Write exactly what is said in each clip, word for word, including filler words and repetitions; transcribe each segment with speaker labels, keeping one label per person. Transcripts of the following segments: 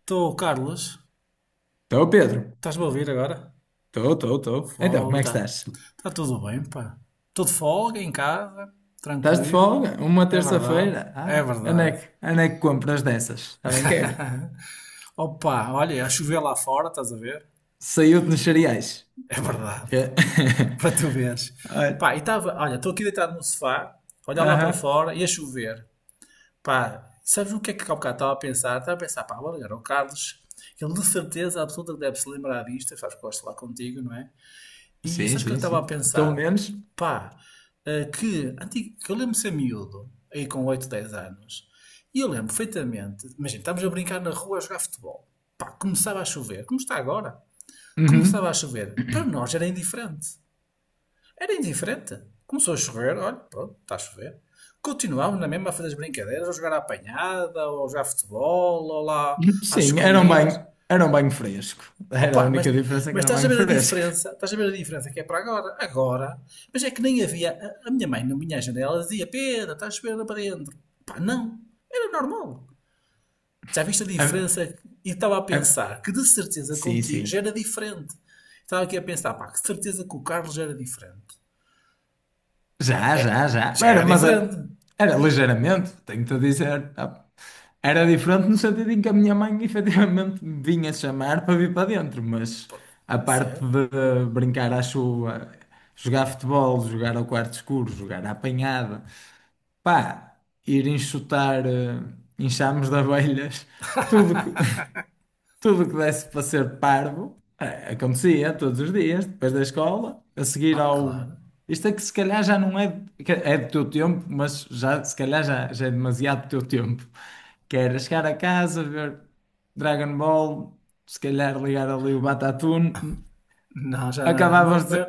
Speaker 1: Estou, Carlos.
Speaker 2: Estou, Pedro.
Speaker 1: Estás-me a ouvir agora?
Speaker 2: Estou, estou, estou. Então, como
Speaker 1: Fogo,
Speaker 2: é que
Speaker 1: tá.
Speaker 2: estás?
Speaker 1: Tá tudo bem, pá. Tudo folga em casa,
Speaker 2: Estás de folga?
Speaker 1: tranquilo.
Speaker 2: Uma
Speaker 1: É verdade,
Speaker 2: terça-feira?
Speaker 1: é
Speaker 2: Ah, onde é
Speaker 1: verdade.
Speaker 2: que, onde é que compras dessas? Também quero.
Speaker 1: Opa, olha, a chover lá fora, estás a ver?
Speaker 2: Saiu-te nos cereais.
Speaker 1: É verdade,
Speaker 2: Que-
Speaker 1: para tu veres.
Speaker 2: Olha.
Speaker 1: Pá, e estava, olha, estou aqui deitado no sofá, olhar lá para
Speaker 2: Aham.
Speaker 1: fora e a chover. Pá, sabes o que é que há bocado estava a pensar? Estava a pensar, pá, vou ligar ao Carlos. Ele de certeza absoluta que deve se lembrar disto, sabes que gosto de falar contigo, não é? E
Speaker 2: Sim,
Speaker 1: sabes o que eu
Speaker 2: sim,
Speaker 1: estava a
Speaker 2: sim. Pelo
Speaker 1: pensar?
Speaker 2: menos.
Speaker 1: Pá, eh, que, antigo, que eu lembro de ser miúdo, aí com oito dez anos, e eu lembro perfeitamente, imagina, estávamos a brincar na rua a jogar futebol. Pá, começava a chover, como está agora. Começava a
Speaker 2: Uhum.
Speaker 1: chover. Para nós era indiferente. Era indiferente. Começou a chover, olha, pronto, está a chover. Continuámos na mesma a fazer as brincadeiras, ou jogar à apanhada, ou jogar futebol, ou lá às
Speaker 2: Sim, era um
Speaker 1: escondidas.
Speaker 2: banho, era um banho fresco. Era
Speaker 1: Opa,
Speaker 2: a
Speaker 1: mas,
Speaker 2: única diferença que
Speaker 1: mas
Speaker 2: era um
Speaker 1: estás a
Speaker 2: banho
Speaker 1: ver a
Speaker 2: fresco.
Speaker 1: diferença, estás a ver a diferença que é para agora, agora, mas é que nem havia, a, a minha mãe na minha janela dizia, Pedro, estás a chover lá para dentro. Pá, não, era normal. Já viste a
Speaker 2: Ah,
Speaker 1: diferença? E estava a
Speaker 2: ah,
Speaker 1: pensar que de certeza
Speaker 2: sim,
Speaker 1: contigo já
Speaker 2: sim.
Speaker 1: era diferente. Estava aqui a pensar, pá, que de certeza que o Carlos já era diferente. Eu,
Speaker 2: Já,
Speaker 1: é,
Speaker 2: já, já.
Speaker 1: já
Speaker 2: Era,
Speaker 1: era
Speaker 2: mas
Speaker 1: diferente,
Speaker 2: era, era ligeiramente, tenho-te a dizer. Tá? Era diferente no sentido em que a minha mãe efetivamente me vinha chamar para vir para dentro, mas a parte
Speaker 1: certo?
Speaker 2: de brincar à chuva, jogar futebol, jogar ao quarto escuro, jogar à apanhada, pá, ir enxotar eh, enxames de abelhas, tudo, co- Tudo o que desse para ser parvo, eh, acontecia todos os dias, depois da escola, a seguir
Speaker 1: Ah,
Speaker 2: ao.
Speaker 1: claro.
Speaker 2: Isto é que se calhar já não é, que é do teu tempo, mas já, se calhar já, já é demasiado do teu tempo. Que era chegar a casa, ver Dragon Ball, se calhar ligar ali o Batatune,
Speaker 1: Não, já não era. O meu, o
Speaker 2: acabavas de,
Speaker 1: meu,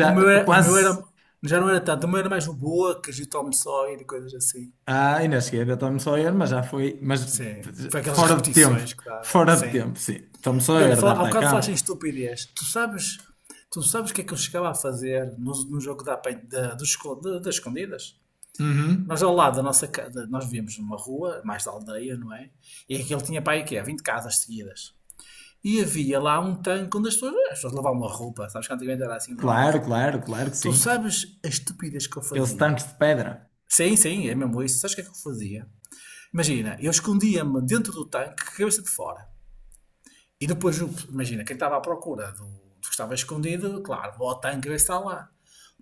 Speaker 1: o meu era, o meu
Speaker 2: quase.
Speaker 1: era- Já não era tanto, o meu era mais o Bocas e o Tom Sawyer e coisas assim.
Speaker 2: Ah, ainda cheguei a ver Tom Sawyer, mas já foi, mas
Speaker 1: Sim, foi aquelas
Speaker 2: fora de tempo,
Speaker 1: repetições que dava,
Speaker 2: fora de
Speaker 1: sim.
Speaker 2: tempo, sim. Tom
Speaker 1: E olha,
Speaker 2: Sawyer,
Speaker 1: fala, há bocado falaste em
Speaker 2: D'Artagnan.
Speaker 1: estupidez. Tu sabes, tu sabes o que é que eu chegava a fazer no, no jogo da, apen- da, do esco- da- das escondidas? Nós
Speaker 2: Uhum.
Speaker 1: ao lado da nossa casa, nós víamos uma rua, mais da aldeia, não é? E aquele tinha para aí que é vinte casas seguidas. E havia lá um tanque onde as pessoas, as pessoas lavavam uma roupa, sabes que antigamente era assim, lavavam uma
Speaker 2: Claro,
Speaker 1: roupa.
Speaker 2: claro, claro que
Speaker 1: Tu
Speaker 2: sim.
Speaker 1: sabes a estupidez que eu
Speaker 2: Aqueles
Speaker 1: fazia?
Speaker 2: tanques de pedra.
Speaker 1: Sim, sim, é mesmo isso. Sabes o que é que eu fazia? Imagina, eu escondia-me dentro do tanque, cabeça de fora. E depois, o- imagina, quem estava à procura do, do que estava escondido, claro, o Tangra está lá.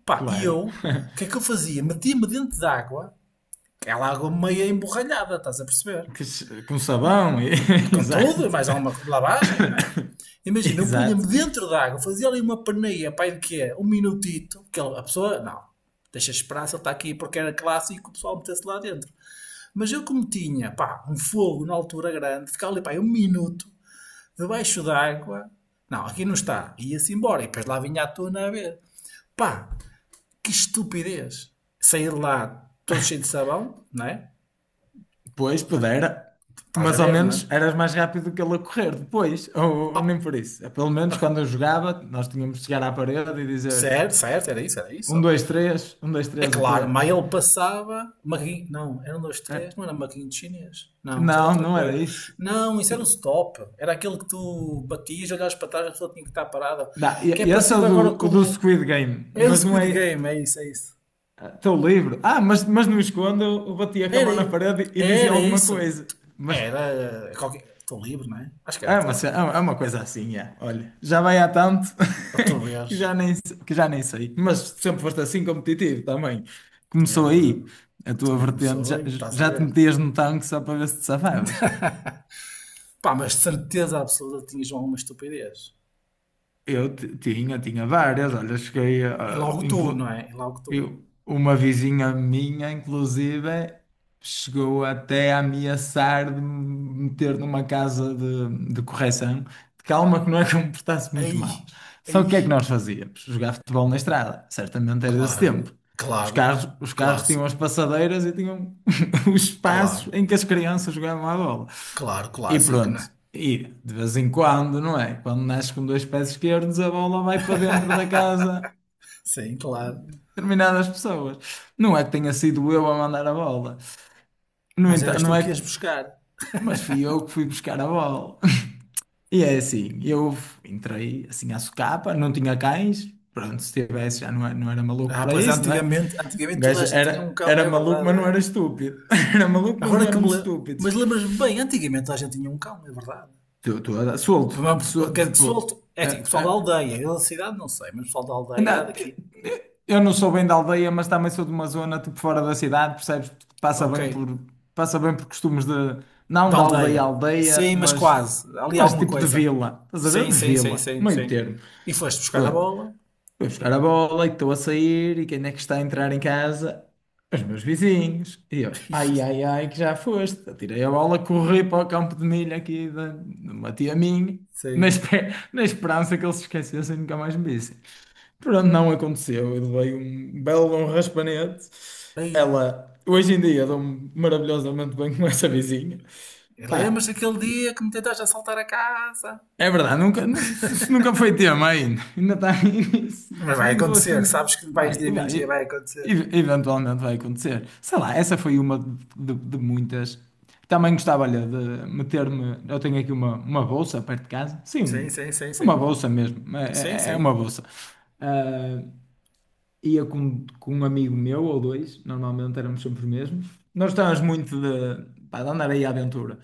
Speaker 1: Pá, e eu,
Speaker 2: Claro.
Speaker 1: o que é que eu fazia? Metia-me dentro de água, aquela água meio emborralhada, estás a perceber?
Speaker 2: Que ch- Com sabão. e-
Speaker 1: Com
Speaker 2: Exato.
Speaker 1: tudo, e mais alguma coisa, lavagem, não é? Imagina, eu punha-me
Speaker 2: Exato.
Speaker 1: dentro de água, fazia ali uma paneia, pá, de quê? Um minutito, que ele- a pessoa, não, deixa esperar, se ele está aqui porque era clássico, o pessoal metesse lá dentro. Mas eu como tinha, pá, um fogo na altura grande, ficava ali, pá, um minuto, debaixo d'água. Não, aqui não está. Ia-se embora. E depois lá vinha a tona a ver. Pá, que estupidez. Sair lá todo cheio de sabão, não é?
Speaker 2: Pois,
Speaker 1: Pá,
Speaker 2: pudera.
Speaker 1: estás a
Speaker 2: Mas ao
Speaker 1: ver, não é?
Speaker 2: menos eras mais rápido que ele a correr depois. Ou, ou
Speaker 1: Oh,
Speaker 2: nem por isso. É, pelo menos quando eu jogava, nós tínhamos de chegar à parede e dizer
Speaker 1: certo, certo, era isso, era isso.
Speaker 2: um, dois, três. Um, dois,
Speaker 1: É
Speaker 2: três, o quê?
Speaker 1: claro, mas ele passava. Maquin... Não, era um, dois,
Speaker 2: Eh,
Speaker 1: três. Não era maquinho de chinês. Não, isso era
Speaker 2: Não,
Speaker 1: outra
Speaker 2: não era
Speaker 1: coisa.
Speaker 2: isso.
Speaker 1: Não, isso era o stop. Era aquele que tu batias, olhavas para trás, a pessoa tinha que estar parada.
Speaker 2: Não,
Speaker 1: Que é
Speaker 2: e- e esse é o
Speaker 1: parecido agora
Speaker 2: do,
Speaker 1: com
Speaker 2: o do
Speaker 1: o.
Speaker 2: Squid Game,
Speaker 1: É do
Speaker 2: mas não
Speaker 1: Squid
Speaker 2: é.
Speaker 1: Game, é isso, é isso.
Speaker 2: Estou livre. Ah, mas, mas não escondo, eu batia com a
Speaker 1: Era,
Speaker 2: mão na
Speaker 1: i-
Speaker 2: parede e dizia
Speaker 1: era
Speaker 2: alguma
Speaker 1: isso.
Speaker 2: coisa. Mas
Speaker 1: Era. eh, Qualquer... Estou livre, não é? Acho que era
Speaker 2: é uma,
Speaker 1: Estou
Speaker 2: ce- é
Speaker 1: livre.
Speaker 2: uma é uma coisa assim, é. Olha, já vai há tanto
Speaker 1: Para tu veres.
Speaker 2: que já nem, se- que já nem sei. Mas sempre foste assim competitivo também.
Speaker 1: Também é
Speaker 2: Começou
Speaker 1: verdade.
Speaker 2: aí a tua
Speaker 1: Também
Speaker 2: vertente,
Speaker 1: começou
Speaker 2: já,
Speaker 1: e estás a
Speaker 2: já te
Speaker 1: ver.
Speaker 2: metias no tanque só para ver se te safavas.
Speaker 1: Pá, mas de certeza absoluta tinhas alguma estupidez.
Speaker 2: Eu ti- tinha, tinha várias, olha, cheguei
Speaker 1: E
Speaker 2: a,
Speaker 1: logo tu, não
Speaker 2: inclu-
Speaker 1: é? E logo tu.
Speaker 2: eu- uma vizinha minha, inclusive, chegou até a ameaçar de me meter numa casa de, de correção, de calma que não é que eu me portasse muito mal.
Speaker 1: Aí.
Speaker 2: Só que o que é que
Speaker 1: Aí.
Speaker 2: nós fazíamos? Jogar futebol na estrada, certamente era desse
Speaker 1: Claro.
Speaker 2: tempo. Os
Speaker 1: Claro.
Speaker 2: carros, os carros tinham
Speaker 1: Clássico.
Speaker 2: as passadeiras e tinham os
Speaker 1: Claro.
Speaker 2: espaços em que as crianças jogavam à bola.
Speaker 1: Claro,
Speaker 2: E
Speaker 1: clássico, não
Speaker 2: pronto.
Speaker 1: é?
Speaker 2: E de vez em quando, não é? Quando nasce com dois pés esquerdos, a bola vai para dentro da casa
Speaker 1: Sim, claro.
Speaker 2: de determinadas pessoas. Não é que tenha sido eu a mandar a bola. No
Speaker 1: Mas
Speaker 2: entanto,
Speaker 1: eras
Speaker 2: não
Speaker 1: tu que
Speaker 2: é que.
Speaker 1: ias buscar.
Speaker 2: Mas fui eu que fui buscar a bola. E é assim, eu entrei assim à socapa, não tinha cães. Pronto, se tivesse já não era, não era maluco
Speaker 1: Ah,
Speaker 2: para
Speaker 1: pois é,
Speaker 2: isso, não é?
Speaker 1: antigamente,
Speaker 2: Um
Speaker 1: antigamente toda a
Speaker 2: gajo
Speaker 1: gente tinha um
Speaker 2: era,
Speaker 1: cão,
Speaker 2: era
Speaker 1: é
Speaker 2: maluco,
Speaker 1: verdade,
Speaker 2: mas não era
Speaker 1: é?
Speaker 2: estúpido. Era maluco, mas
Speaker 1: Agora
Speaker 2: não
Speaker 1: que me
Speaker 2: éramos
Speaker 1: lembro.
Speaker 2: estúpidos.
Speaker 1: Mas lembras-me bem, antigamente toda a gente tinha um cão, é verdade.
Speaker 2: Estou estou a dar- solto. Sol-
Speaker 1: Que que
Speaker 2: tipo.
Speaker 1: solte. É assim, o pessoal da aldeia, eu da cidade não sei, mas o pessoal da aldeia é
Speaker 2: Não, te-
Speaker 1: daqui.
Speaker 2: te- eu não sou bem da aldeia, mas também sou de uma zona tipo fora da cidade, percebes? Passa
Speaker 1: Ok,
Speaker 2: bem por, passa bem por costumes de, não
Speaker 1: da
Speaker 2: da aldeia à
Speaker 1: aldeia.
Speaker 2: aldeia,
Speaker 1: Sim, mas
Speaker 2: mas,
Speaker 1: quase. Ali há
Speaker 2: mas
Speaker 1: alguma
Speaker 2: tipo de
Speaker 1: coisa.
Speaker 2: vila, estás a ver?
Speaker 1: Sim,
Speaker 2: De
Speaker 1: sim, sim,
Speaker 2: vila,
Speaker 1: sim,
Speaker 2: meio
Speaker 1: sim.
Speaker 2: termo.
Speaker 1: E foste buscar a
Speaker 2: Pronto,
Speaker 1: bola?
Speaker 2: vou buscar a bola e estou a sair e quem é que está a entrar em casa? Os meus vizinhos. E eu, ai, ai, ai, que já foste. Atirei a bola, corri para o campo de milho aqui de, de uma tia minha, na,
Speaker 1: Sim.
Speaker 2: espe- na esperança que eles se esquecessem e nunca mais me vissem. Pronto, não aconteceu. Eu levei um belo bom raspanete.
Speaker 1: Ei,
Speaker 2: Ela, hoje em dia, dou-me maravilhosamente bem com essa vizinha.
Speaker 1: lembras
Speaker 2: Pá,
Speaker 1: daquele dia que me tentaste assaltar a casa?
Speaker 2: é verdade, nunca, se- se nunca foi tema ainda. Ainda está aí nisso.
Speaker 1: Mas vai
Speaker 2: Não dou
Speaker 1: acontecer,
Speaker 2: assim.
Speaker 1: sabes que mais
Speaker 2: Vai,
Speaker 1: dia
Speaker 2: e
Speaker 1: menos
Speaker 2: vai,
Speaker 1: dia
Speaker 2: e-
Speaker 1: vai acontecer.
Speaker 2: e- eventualmente vai acontecer. Sei lá, essa foi uma de, de, muitas. Também gostava, olha, de meter-me. Eu tenho aqui uma, uma bolsa perto de casa.
Speaker 1: Sim,
Speaker 2: Sim,
Speaker 1: sim, sim,
Speaker 2: uma
Speaker 1: sim.
Speaker 2: bolsa mesmo.
Speaker 1: Sim,
Speaker 2: É, é é uma
Speaker 1: sim.
Speaker 2: bolsa. Ah, ia com, com um amigo meu ou dois, normalmente éramos sempre os mesmos. Nós estávamos muito de, pá, de andar aí à aventura.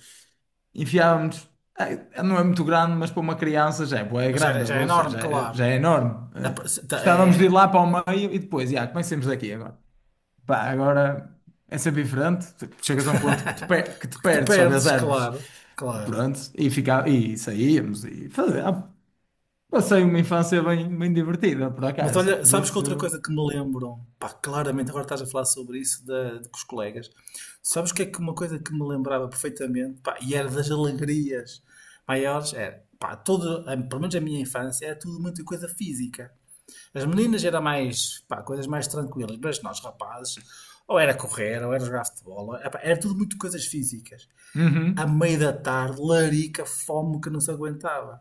Speaker 2: Enfiávamos, eh, não é muito grande, mas para uma criança já é, bué
Speaker 1: Já, é-
Speaker 2: grande, a
Speaker 1: já é
Speaker 2: bolsa
Speaker 1: enorme,
Speaker 2: já é, já
Speaker 1: claro.
Speaker 2: é enorme.
Speaker 1: É,
Speaker 2: Eh, Gostávamos de ir
Speaker 1: é-
Speaker 2: lá para o meio e depois, já, comecemos daqui agora. Pá, agora é sempre diferente. Tu chegas a um ponto que te, per- que te
Speaker 1: que te
Speaker 2: perdes, só vês
Speaker 1: perdes,
Speaker 2: árvores.
Speaker 1: claro, claro.
Speaker 2: Pronto, e, fica, e saíamos e fazia- ah, passei uma infância bem, bem divertida, por
Speaker 1: Mas
Speaker 2: acaso.
Speaker 1: olha, sabes que outra
Speaker 2: Disso.
Speaker 1: coisa que me lembro, pá, claramente agora estás a falar sobre isso da- de- com os colegas, sabes que é que uma coisa que me lembrava perfeitamente, pá, e era das alegrias maiores, era, pá, todo, a- pelo menos a minha infância, era tudo muita coisa física. As meninas era mais, pá, coisas mais tranquilas, mas nós rapazes, ou era correr, ou era jogar futebol, eh, pá, era tudo muito coisas físicas. À
Speaker 2: Uhum.
Speaker 1: meia da tarde, larica, fome que não se aguentava.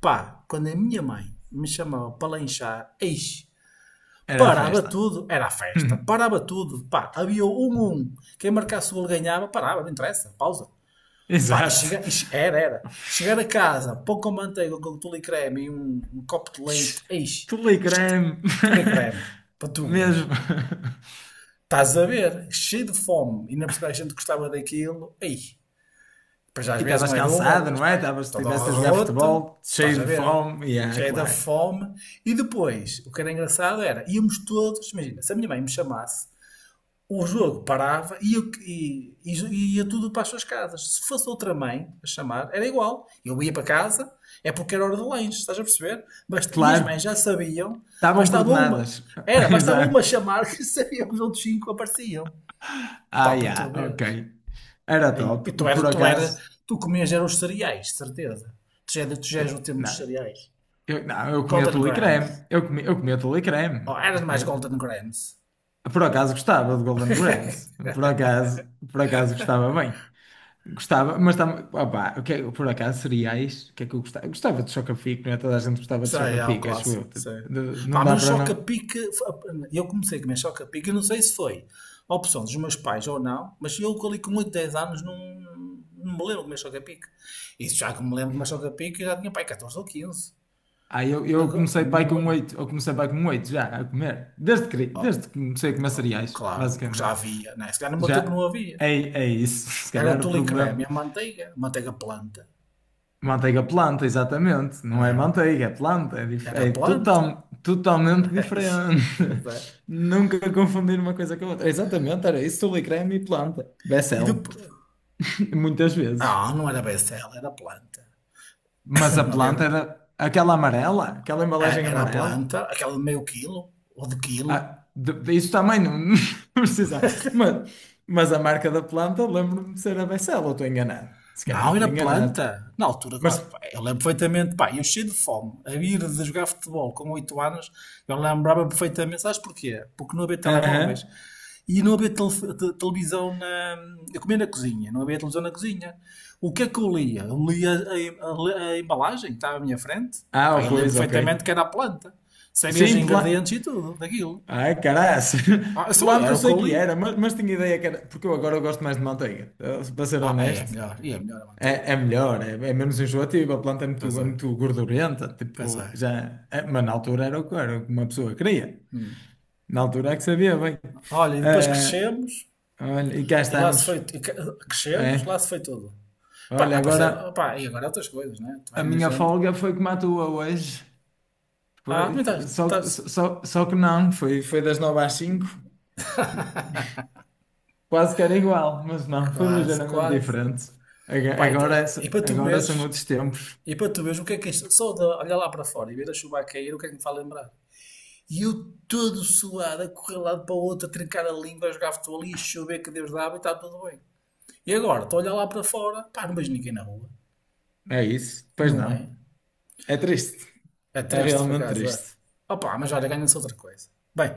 Speaker 1: Pá, quando a minha mãe me chamava para lanchar, eis
Speaker 2: Era a
Speaker 1: parava
Speaker 2: festa.
Speaker 1: tudo, era a festa, parava tudo, pá, havia um um, quem marcasse o gol ganhava, parava, não interessa, pausa. Pá, e
Speaker 2: Exato.
Speaker 1: chega, e era, era. Chegar a casa, pão com manteiga, com tule e creme e um, um copo de leite, eis, isto,
Speaker 2: Telegram.
Speaker 1: tule e creme, para tu veres.
Speaker 2: Mesmo.
Speaker 1: Estás a ver, cheio de fome, e na percebes a gente gostava daquilo, ei, pois às
Speaker 2: E
Speaker 1: vezes
Speaker 2: estavas
Speaker 1: não era um, era
Speaker 2: cansada,
Speaker 1: dois
Speaker 2: não é?
Speaker 1: pais,
Speaker 2: Estavas,
Speaker 1: todo
Speaker 2: estiveste a jogar
Speaker 1: roto,
Speaker 2: futebol,
Speaker 1: estás a
Speaker 2: cheio de
Speaker 1: ver,
Speaker 2: fome. Yeah,
Speaker 1: cheio da
Speaker 2: claro.
Speaker 1: fome. E depois, o que era engraçado era, íamos todos, imagina, se a minha mãe me chamasse, o jogo parava e, eu- e- e jo- e ia tudo para as suas casas. Se fosse outra mãe a chamar, era igual. Eu ia para casa, é porque era hora do lanche, estás a perceber? Basta- e as
Speaker 2: Claro.
Speaker 1: mães já sabiam,
Speaker 2: Estavam
Speaker 1: bastava uma,
Speaker 2: coordenadas.
Speaker 1: era, bastava uma
Speaker 2: Exato.
Speaker 1: chamar que sabiam que os outros cinco apareciam.
Speaker 2: Ah,
Speaker 1: Pá, para tu
Speaker 2: yeah, ok.
Speaker 1: veres.
Speaker 2: Era
Speaker 1: E,
Speaker 2: top.
Speaker 1: e tu eras,
Speaker 2: Por
Speaker 1: tu eras,
Speaker 2: acaso.
Speaker 1: tu comias eram os cereais, de certeza. Tu já, tu já és
Speaker 2: eh,
Speaker 1: o tempo dos
Speaker 2: Não,
Speaker 1: cereais.
Speaker 2: eu, não, eu comia
Speaker 1: Golden
Speaker 2: tule e
Speaker 1: Grams.
Speaker 2: creme. Eu comia, eu comia tule e
Speaker 1: Oh,
Speaker 2: creme. Eu
Speaker 1: eras mais
Speaker 2: comia...
Speaker 1: Golden Grams.
Speaker 2: Por acaso gostava de Golden Grams. Por acaso, por acaso gostava bem. Gostava, mas tam... opá, o que é- por acaso, cereais, o que é que eu gostava? Eu gostava de Chocapic, não é? Toda a gente gostava de
Speaker 1: Sei, há o
Speaker 2: Chocapic, acho eu.
Speaker 1: clássico,
Speaker 2: Tipo,
Speaker 1: sei.
Speaker 2: de- não
Speaker 1: Pá,
Speaker 2: dá
Speaker 1: mas o
Speaker 2: para não.
Speaker 1: choca-pique, eu comecei a comer choca-pique, eu não sei se foi a opção dos meus pais ou não, mas eu ali com oito, dez anos não, não me lembro de comer choca-pique. Isso já que me lembro de comer choca-pique, eu já tinha pai catorze ou quinze
Speaker 2: Ah, eu, eu
Speaker 1: Agora,
Speaker 2: comecei
Speaker 1: não
Speaker 2: pai
Speaker 1: me
Speaker 2: com
Speaker 1: lembro.
Speaker 2: oito, eu comecei pai com oito já, a comer. Desde que,
Speaker 1: Oh,
Speaker 2: desde que comecei a comer
Speaker 1: oh,
Speaker 2: cereais,
Speaker 1: claro, porque já
Speaker 2: basicamente.
Speaker 1: havia, né? Se calhar no meu tempo
Speaker 2: Já
Speaker 1: não havia.
Speaker 2: é, é isso, se
Speaker 1: Era o
Speaker 2: calhar o
Speaker 1: tule e creme, e
Speaker 2: problema.
Speaker 1: a manteiga, manteiga planta.
Speaker 2: Manteiga planta, exatamente. Não é
Speaker 1: Era,
Speaker 2: manteiga, é planta, é, dif-
Speaker 1: era
Speaker 2: é
Speaker 1: planta.
Speaker 2: total, totalmente
Speaker 1: Ixi,
Speaker 2: diferente.
Speaker 1: é sério.
Speaker 2: Nunca confundir uma coisa com a outra. Exatamente, era isso, tule creme e planta.
Speaker 1: E
Speaker 2: Becel.
Speaker 1: depois,
Speaker 2: Muitas vezes.
Speaker 1: ah, não era becel, era planta.
Speaker 2: Mas a
Speaker 1: Não
Speaker 2: planta
Speaker 1: havia...
Speaker 2: era aquela amarela, aquela
Speaker 1: É,
Speaker 2: embalagem
Speaker 1: era a
Speaker 2: amarela.
Speaker 1: planta, aquela de meio quilo ou de quilo.
Speaker 2: Ah, de- de- isso também não, não precisa. Mas, mas a marca da planta, lembro-me de ser a Becel, ou estou enganado. Se calhar
Speaker 1: Não,
Speaker 2: estou
Speaker 1: era
Speaker 2: enganado.
Speaker 1: planta. Na altura,
Speaker 2: Mas.
Speaker 1: pá, eu lembro perfeitamente, pá, eu cheio de fome, a ir de jogar futebol com oito anos, eu lembrava perfeitamente, sabes porquê? Porque não havia
Speaker 2: Aham.
Speaker 1: telemóveis. E não havia tele- te- televisão na. Eu comia na cozinha, não havia televisão na cozinha. O que é que eu lia? Eu lia a, em- a le- a embalagem que estava à minha frente. Pá,
Speaker 2: Ah,
Speaker 1: eu lembro
Speaker 2: pois, ok.
Speaker 1: perfeitamente que era a planta. Sabia os
Speaker 2: Sim, planta.
Speaker 1: ingredientes e tudo daquilo.
Speaker 2: Ai, caraças.
Speaker 1: Ah, isso
Speaker 2: Planta
Speaker 1: era
Speaker 2: eu
Speaker 1: o que
Speaker 2: sei
Speaker 1: eu
Speaker 2: que
Speaker 1: li.
Speaker 2: era, mas, mas tinha ideia que era. Porque eu agora eu gosto mais de manteiga, eh, para ser
Speaker 1: Ah, aí é
Speaker 2: honesto.
Speaker 1: melhor. E é melhor a manteiga,
Speaker 2: É, é
Speaker 1: não é?
Speaker 2: melhor, é, é menos enjoativo, a planta é muito,
Speaker 1: Pois
Speaker 2: é
Speaker 1: é.
Speaker 2: muito gordurenta,
Speaker 1: Pois
Speaker 2: tipo,
Speaker 1: é.
Speaker 2: já, é- mas na altura era o que era, o que uma pessoa queria. Na altura é que sabia bem.
Speaker 1: Olha, e depois crescemos
Speaker 2: Ah, olha, e cá
Speaker 1: e lá se
Speaker 2: estamos.
Speaker 1: foi. e que-
Speaker 2: É.
Speaker 1: Crescemos, lá se foi tudo. Pá,
Speaker 2: Olha, agora
Speaker 1: apareceram. Pá, e agora outras coisas, né? Tu vais
Speaker 2: a
Speaker 1: na
Speaker 2: minha
Speaker 1: gente.
Speaker 2: folga foi como a tua hoje.
Speaker 1: Ah,
Speaker 2: Foi,
Speaker 1: também estás.
Speaker 2: só,
Speaker 1: Estás
Speaker 2: só, só que não, foi, foi das nove às cinco. Quase que era igual, mas não, foi
Speaker 1: quase,
Speaker 2: ligeiramente
Speaker 1: quase.
Speaker 2: diferente. Aga-
Speaker 1: Pá, e,
Speaker 2: Agora, é
Speaker 1: te-
Speaker 2: só-
Speaker 1: e para tu
Speaker 2: agora são
Speaker 1: veres.
Speaker 2: outros tempos.
Speaker 1: E para tu veres o que é que é isto. Só de olhar lá para fora e ver a chuva a cair, o que é que me faz lembrar? E eu todo suado, a correr de um lado para o outro, a trincar a língua, a jogar futebol ali, a chover que Deus dava e está tudo bem. E agora, estou a olhar lá para fora, pá, não vejo ninguém na rua,
Speaker 2: É isso, pois
Speaker 1: não
Speaker 2: não.
Speaker 1: é?
Speaker 2: É triste,
Speaker 1: É
Speaker 2: é
Speaker 1: triste, por
Speaker 2: realmente
Speaker 1: acaso. É.
Speaker 2: triste.
Speaker 1: Opa, mas olha, ganha-se outra coisa. Bem,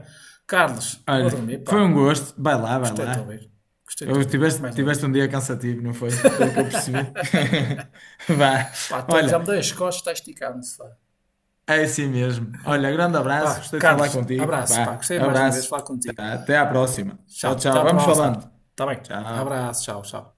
Speaker 1: Carlos, vou
Speaker 2: Olha,
Speaker 1: dormir, pá.
Speaker 2: foi um gosto. Vai lá, vai
Speaker 1: Gostei de te
Speaker 2: lá.
Speaker 1: ouvir. Gostei de te
Speaker 2: Eu
Speaker 1: ouvir,
Speaker 2: tiveste,
Speaker 1: mais uma vez.
Speaker 2: tiveste um dia cansativo, não foi? Pelo que eu percebi. Vá.
Speaker 1: Pá, tô- já me
Speaker 2: Olha,
Speaker 1: dei as costas, está esticado no sofá.
Speaker 2: é assim mesmo. Olha, grande abraço.
Speaker 1: Pá,
Speaker 2: Gostei de falar
Speaker 1: Carlos,
Speaker 2: contigo.
Speaker 1: abraço, pá.
Speaker 2: Vá,
Speaker 1: Gostei mais uma vez de
Speaker 2: abraço.
Speaker 1: falar contigo.
Speaker 2: Tá, até à próxima.
Speaker 1: Tchau,
Speaker 2: Tchau,
Speaker 1: até
Speaker 2: tchau.
Speaker 1: à
Speaker 2: Vamos
Speaker 1: próxima.
Speaker 2: falando.
Speaker 1: Está bem?
Speaker 2: Tchau.
Speaker 1: Abraço, tchau, tchau.